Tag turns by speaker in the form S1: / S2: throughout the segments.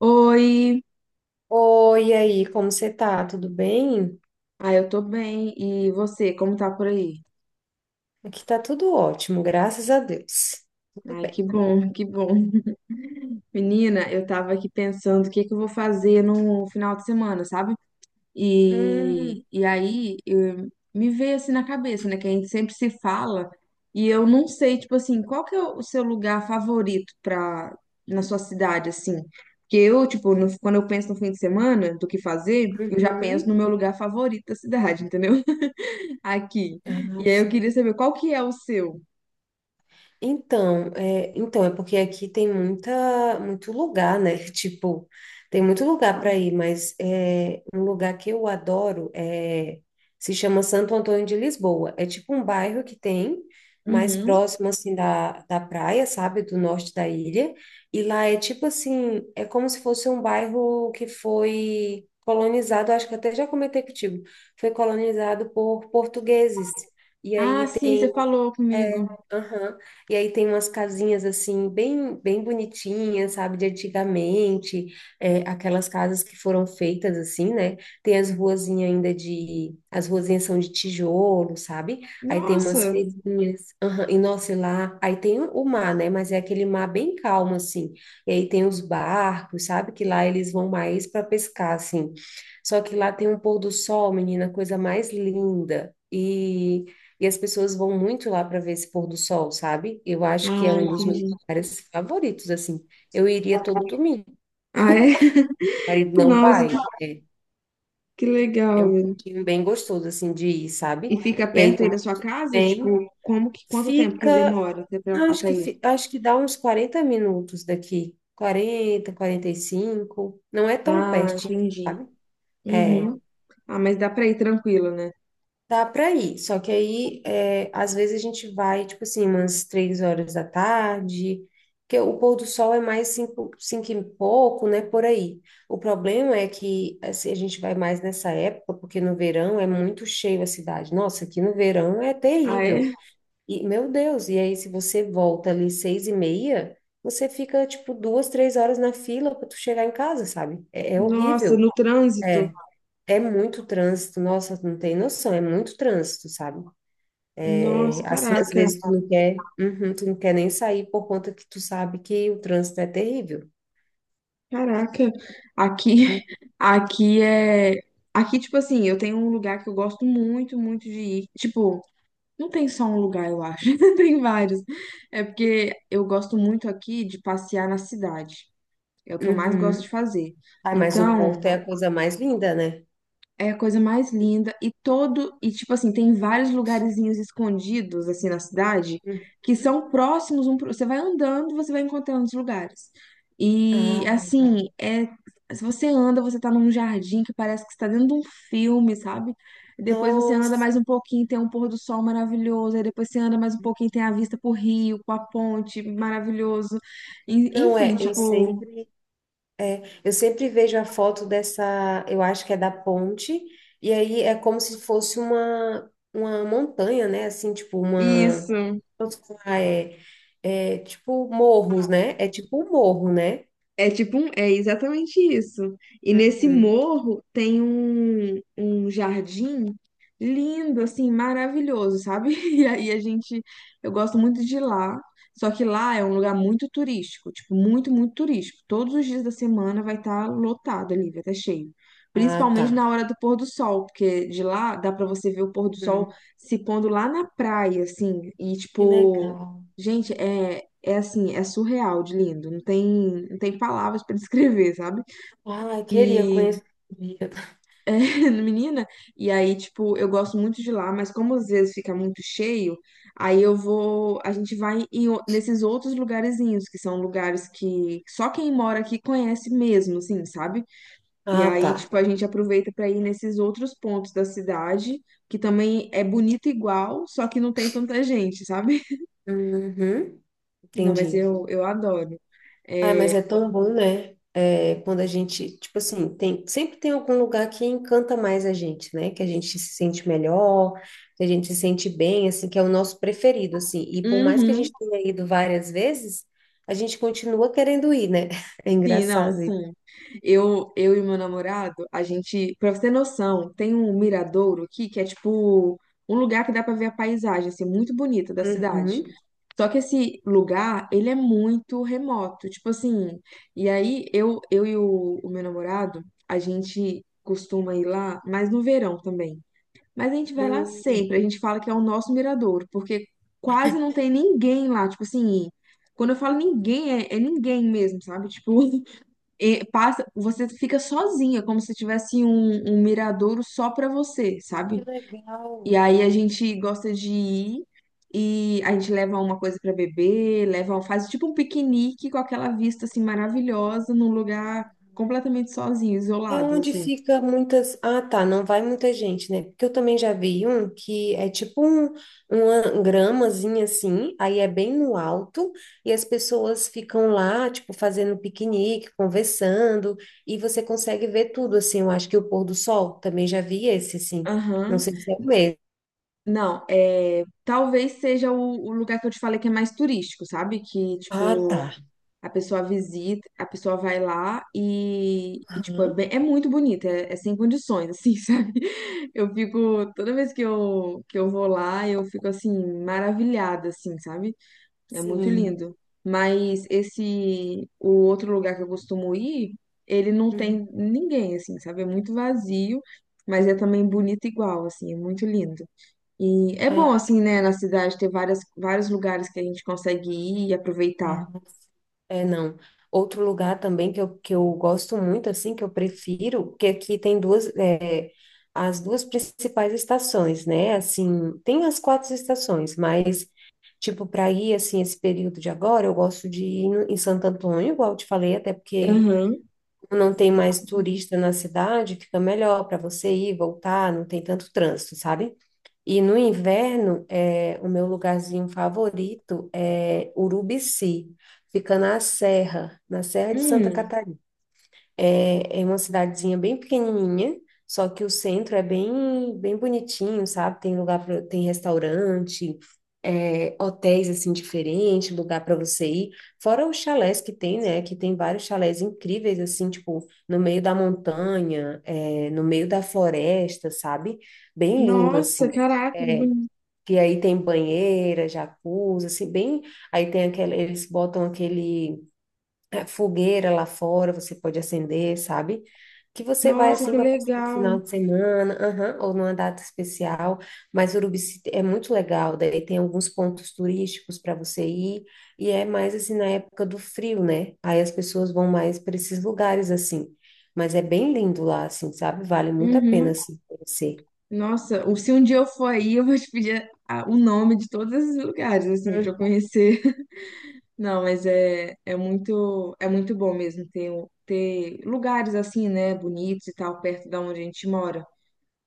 S1: Oi,
S2: Oi, e aí, como você tá? Tudo bem?
S1: eu tô bem. E você, como tá por aí?
S2: Aqui tá tudo ótimo, graças a Deus. Tudo
S1: Ai,
S2: bem.
S1: que bom, que bom. Menina, eu tava aqui pensando o que que eu vou fazer no final de semana, sabe?
S2: Hum,
S1: E aí me veio assim na cabeça, né? Que a gente sempre se fala e eu não sei, tipo assim, qual que é o seu lugar favorito pra, na sua cidade, assim? Porque eu, tipo, quando eu penso no fim de semana, do que fazer, eu já penso no
S2: uhum.
S1: meu lugar favorito da cidade, entendeu? Aqui.
S2: Ah,
S1: E aí eu
S2: sim.
S1: queria saber qual que é o seu.
S2: Então, é porque aqui tem muita, muito lugar, né? Tipo, tem muito lugar para ir, mas é, um lugar que eu adoro é, se chama Santo Antônio de Lisboa. É tipo um bairro que tem mais
S1: Uhum.
S2: próximo, assim, da praia, sabe? Do norte da ilha. E lá é tipo assim, é como se fosse um bairro que foi colonizado, acho que até já comentei contigo, foi colonizado por portugueses. E
S1: Ah,
S2: aí
S1: sim, você falou
S2: é,
S1: comigo.
S2: aham. E aí tem umas casinhas assim, bem, bem bonitinhas, sabe, de antigamente, é, aquelas casas que foram feitas assim, né? Tem as ruazinhas ainda de. As ruazinhas são de tijolo, sabe? Aí tem umas
S1: Nossa.
S2: feirinhas, aham. E nossa, e lá. Aí tem o mar, né? Mas é aquele mar bem calmo, assim. E aí tem os barcos, sabe? Que lá eles vão mais para pescar, assim. Só que lá tem um pôr do sol, menina, coisa mais linda. E as pessoas vão muito lá para ver esse pôr do sol, sabe? Eu acho que é
S1: Ah,
S2: um dos meus
S1: entendi.
S2: lugares favoritos, assim. Eu iria todo domingo,
S1: Ah, é?
S2: meu marido não
S1: Nossa,
S2: vai.
S1: que
S2: É
S1: legal,
S2: um
S1: velho.
S2: cantinho bem gostoso, assim, de ir,
S1: E
S2: sabe?
S1: fica
S2: E aí
S1: perto aí
S2: todo
S1: da sua
S2: mundo
S1: casa?
S2: vem,
S1: Tipo, como que, quanto tempo que
S2: fica,
S1: demora até,
S2: ah, acho
S1: até
S2: que,
S1: isso?
S2: acho que dá uns 40 minutos daqui. 40, 45. Não é tão
S1: Ah,
S2: pertinho,
S1: entendi.
S2: sabe? É.
S1: Uhum. Ah, mas dá pra ir tranquilo, né?
S2: Dá para ir, só que aí, é, às vezes a gente vai, tipo assim, umas 3 horas da tarde, porque o pôr do sol é mais 5, 5 e pouco, né, por aí. O problema é que, assim, a gente vai mais nessa época, porque no verão é muito cheio a cidade. Nossa, aqui no verão é
S1: Ah,
S2: terrível.
S1: é?
S2: E, meu Deus, e aí se você volta ali 6:30, você fica, tipo, 2, 3 horas na fila para tu chegar em casa, sabe? É
S1: Nossa,
S2: horrível.
S1: no trânsito?
S2: É muito trânsito, nossa, tu não tem noção, é muito trânsito, sabe?
S1: Nossa,
S2: Assim, às
S1: caraca.
S2: vezes tu não quer, uhum, tu não quer nem sair por conta que tu sabe que o trânsito é terrível.
S1: Caraca, aqui,
S2: Hum,
S1: aqui é, aqui tipo assim, eu tenho um lugar que eu gosto muito, muito de ir. Tipo, não tem só um lugar, eu acho, tem vários. É porque eu gosto muito aqui de passear na cidade. É o que eu mais gosto de
S2: Uhum.
S1: fazer.
S2: Ai, mas o Porto é
S1: Então,
S2: a coisa mais linda, né?
S1: é a coisa mais linda e todo e tipo assim, tem vários lugarzinhos escondidos assim na cidade
S2: Uhum.
S1: que são próximos você vai andando, você vai encontrando os lugares.
S2: Ah,
S1: E
S2: legal.
S1: assim, é se você anda, você tá num jardim que parece que está dentro de um filme, sabe? E depois você anda
S2: Nossa,
S1: mais um pouquinho, tem um pôr do sol maravilhoso, aí depois você anda mais um pouquinho, tem a vista pro rio, com a ponte, maravilhoso.
S2: não
S1: Enfim,
S2: é, eu
S1: tipo,
S2: sempre, é, eu sempre vejo a foto dessa, eu acho que é da ponte, e aí é como se fosse uma, montanha, né? Assim, tipo uma,
S1: isso.
S2: posso falar, é, é tipo morros, né? É tipo um morro, né?
S1: É tipo um, é exatamente isso. E nesse
S2: Uhum.
S1: morro tem um jardim lindo, assim, maravilhoso, sabe? E aí a gente, eu gosto muito de ir lá. Só que lá é um lugar muito turístico, tipo, muito, muito turístico. Todos os dias da semana vai estar lotado ali, vai estar cheio.
S2: Ah,
S1: Principalmente
S2: tá.
S1: na hora do pôr do sol, porque de lá dá pra você ver o pôr do
S2: Hum.
S1: sol se pondo lá na praia, assim. E
S2: Que
S1: tipo,
S2: legal.
S1: gente,
S2: Uhum.
S1: é assim, é surreal de lindo, não tem, não tem palavras pra descrever, sabe?
S2: Ai, queria
S1: E,
S2: conhecer. Sabia?
S1: é, menina, e aí, tipo, eu gosto muito de lá, mas como às vezes fica muito cheio, aí eu vou, a gente vai em nesses outros lugarzinhos, que são lugares que só quem mora aqui conhece mesmo, assim, sabe? E
S2: Ah,
S1: aí,
S2: tá.
S1: tipo, a gente aproveita pra ir nesses outros pontos da cidade, que também é bonito igual, só que não tem tanta gente, sabe?
S2: Uhum,
S1: Não, mas
S2: entendi.
S1: eu adoro.
S2: Ai, mas
S1: É,
S2: é tão bom, né? É, quando a gente, tipo assim, tem, sempre tem algum lugar que encanta mais a gente, né? Que a gente se sente melhor, que a gente se sente bem, assim, que é o nosso preferido, assim. E por mais que a
S1: uhum.
S2: gente tenha ido várias vezes, a gente continua querendo ir, né? É
S1: Sim, não,
S2: engraçado isso.
S1: sim. Eu e meu namorado, a gente, pra você ter noção, tem um miradouro aqui que é tipo um lugar que dá pra ver a paisagem, assim, muito bonita da cidade.
S2: Uhum.
S1: Só que esse lugar, ele é muito remoto, tipo assim. E aí eu e o meu namorado, a gente costuma ir lá, mas no verão também. Mas a gente vai lá
S2: Hum,
S1: sempre, a gente fala que é o nosso miradouro, porque quase não tem ninguém lá, tipo assim. Quando eu falo ninguém, é ninguém mesmo, sabe? Tipo, e passa, você fica sozinha, como se tivesse um miradouro só pra você, sabe?
S2: que legal.
S1: E aí a
S2: Uhum.
S1: gente gosta de ir e a gente leva uma coisa pra beber, leva, faz tipo um piquenique com aquela vista assim maravilhosa num lugar
S2: Ah,
S1: completamente sozinho,
S2: é
S1: isolado,
S2: onde
S1: assim.
S2: fica muitas. Ah, tá, não vai muita gente, né? Porque eu também já vi um que é tipo um, uma gramazinha assim, aí é bem no alto, e as pessoas ficam lá, tipo, fazendo piquenique, conversando, e você consegue ver tudo, assim. Eu acho que o pôr do sol também já vi esse, assim. Não
S1: Aham.
S2: sei se é o mesmo.
S1: Não, é, talvez seja o lugar que eu te falei que é mais turístico, sabe? Que
S2: Ah, tá.
S1: tipo a pessoa visita, a pessoa vai lá e, tipo, é,
S2: Aham.
S1: é muito bonita, é, é sem condições, assim, sabe? Eu fico, toda vez que eu vou lá, eu fico, assim, maravilhada, assim, sabe? É muito
S2: Sim.
S1: lindo. Mas esse, o outro lugar que eu costumo ir, ele não
S2: Uhum.
S1: tem ninguém, assim, sabe? É muito vazio, mas é também bonito igual, assim, é muito lindo. E é bom, assim, né, na cidade ter várias, vários lugares que a gente consegue ir e
S2: Ah,
S1: aproveitar.
S2: é, não. Outro lugar também que eu gosto muito, assim, que eu prefiro, que aqui tem duas, é, as duas principais estações, né? Assim, tem as quatro estações, mas, tipo, para ir, assim, esse período de agora, eu gosto de ir em Santo Antônio, igual eu te falei, até porque
S1: Aham.
S2: não tem mais turista na cidade, fica melhor para você ir, voltar, não tem tanto trânsito, sabe? E no inverno, é, o meu lugarzinho favorito é Urubici, fica na Serra de Santa
S1: Hum,
S2: Catarina. É, é uma cidadezinha bem pequenininha, só que o centro é bem, bem bonitinho, sabe? Tem lugar pra, tem restaurante, é, hotéis assim diferentes, lugar para você ir. Fora os chalés que tem, né? Que tem vários chalés incríveis assim, tipo no meio da montanha, é, no meio da floresta, sabe? Bem lindo
S1: nossa,
S2: assim
S1: caraca, que bonito.
S2: que aí tem banheira, jacuzzi, assim, bem, aí tem aquele, eles botam aquele é, fogueira lá fora, você pode acender, sabe? Que você vai
S1: Nossa,
S2: assim
S1: que
S2: para passar o
S1: legal.
S2: final de semana, aham, ou numa data especial, mas Urubici é muito legal, daí tem alguns pontos turísticos para você ir, e é mais assim na época do frio, né? Aí as pessoas vão mais para esses lugares assim. Mas é bem lindo lá, assim, sabe? Vale muito a pena,
S1: Uhum.
S2: assim, conhecer.
S1: Nossa, se um dia eu for aí, eu vou te pedir o nome de todos esses lugares, assim, pra eu
S2: Uhum.
S1: conhecer. Não, mas é, é muito bom mesmo ter, ter lugares assim, né, bonitos e tal, perto da onde a gente mora.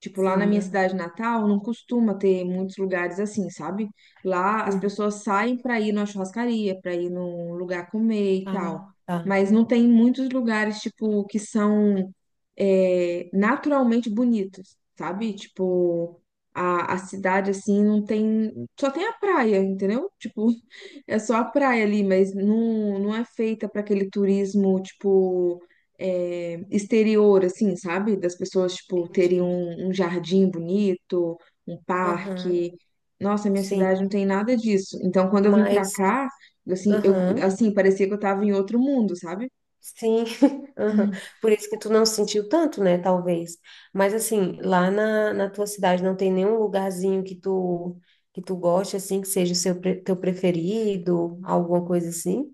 S1: Tipo, lá na
S2: Sim,
S1: minha
S2: ah,
S1: cidade natal, não costuma ter muitos lugares assim, sabe? Lá as
S2: uhum.
S1: pessoas saem pra ir numa churrascaria, pra ir num lugar comer e tal.
S2: Ah, tá.
S1: Mas não tem muitos lugares, tipo, que são é, naturalmente bonitos, sabe? Tipo, a cidade, assim, não tem. Só tem a praia, entendeu? Tipo, é só a
S2: Hum,
S1: praia ali, mas não, não é feita pra aquele turismo, tipo é, exterior, assim, sabe? Das pessoas, tipo, terem
S2: entendi.
S1: um jardim bonito, um
S2: Aham,
S1: parque. Nossa, minha cidade
S2: sim.
S1: não tem nada disso. Então, quando eu vim pra
S2: Mas,
S1: cá, assim, eu,
S2: aham,
S1: assim, parecia que eu tava em outro mundo, sabe?
S2: sim. Aham. Por isso que tu não sentiu tanto, né? Talvez. Mas assim, lá na tua cidade não tem nenhum lugarzinho que tu goste, assim, que seja o seu, teu preferido, alguma coisa assim?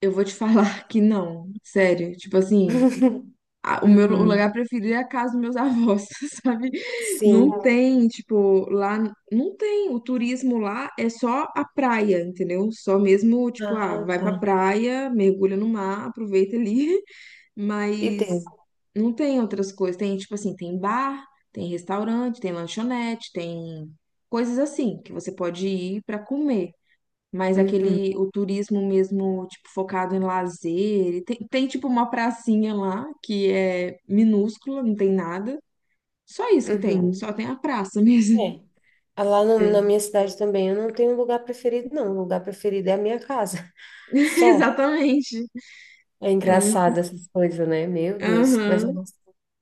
S1: Eu vou te falar que não, sério. Tipo assim, o
S2: Uhum.
S1: lugar preferido é a casa dos meus avós, sabe? Não
S2: Sim.
S1: tem, tipo, lá não tem, o turismo lá é só a praia, entendeu? Só mesmo, tipo, ah,
S2: Ah,
S1: vai
S2: tá.
S1: pra praia, mergulha no mar, aproveita ali,
S2: E
S1: mas
S2: deu.
S1: não tem outras coisas. Tem, tipo assim, tem bar, tem restaurante, tem lanchonete, tem coisas assim que você pode ir pra comer mas
S2: Uhum.
S1: aquele, o turismo mesmo, tipo, focado em lazer. E tem, tem, tipo, uma pracinha lá que é minúscula, não tem nada. Só isso que tem,
S2: Uhum.
S1: só tem a praça mesmo.
S2: É. Ah, lá na
S1: Sim.
S2: minha cidade também eu não tenho lugar preferido, não. O lugar preferido é a minha casa. Só.
S1: Exatamente.
S2: É
S1: É muito.
S2: engraçado essas coisas, né? Meu Deus. Mas
S1: Aham.
S2: olha só,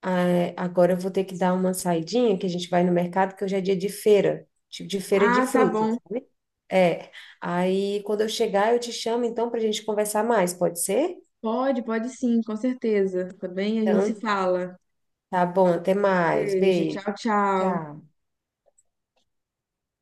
S2: ah, é, agora eu vou ter que dar uma saidinha, que a gente vai no mercado, que hoje é dia de feira, tipo de feira de
S1: Ah, tá bom.
S2: frutas, sabe? É. Aí quando eu chegar, eu te chamo então para a gente conversar mais, pode ser?
S1: Pode, pode sim, com certeza. Tá bem? A gente se
S2: Então,
S1: fala.
S2: tá bom, até mais.
S1: Beijo,
S2: Beijo.
S1: tchau, tchau.
S2: Tchau.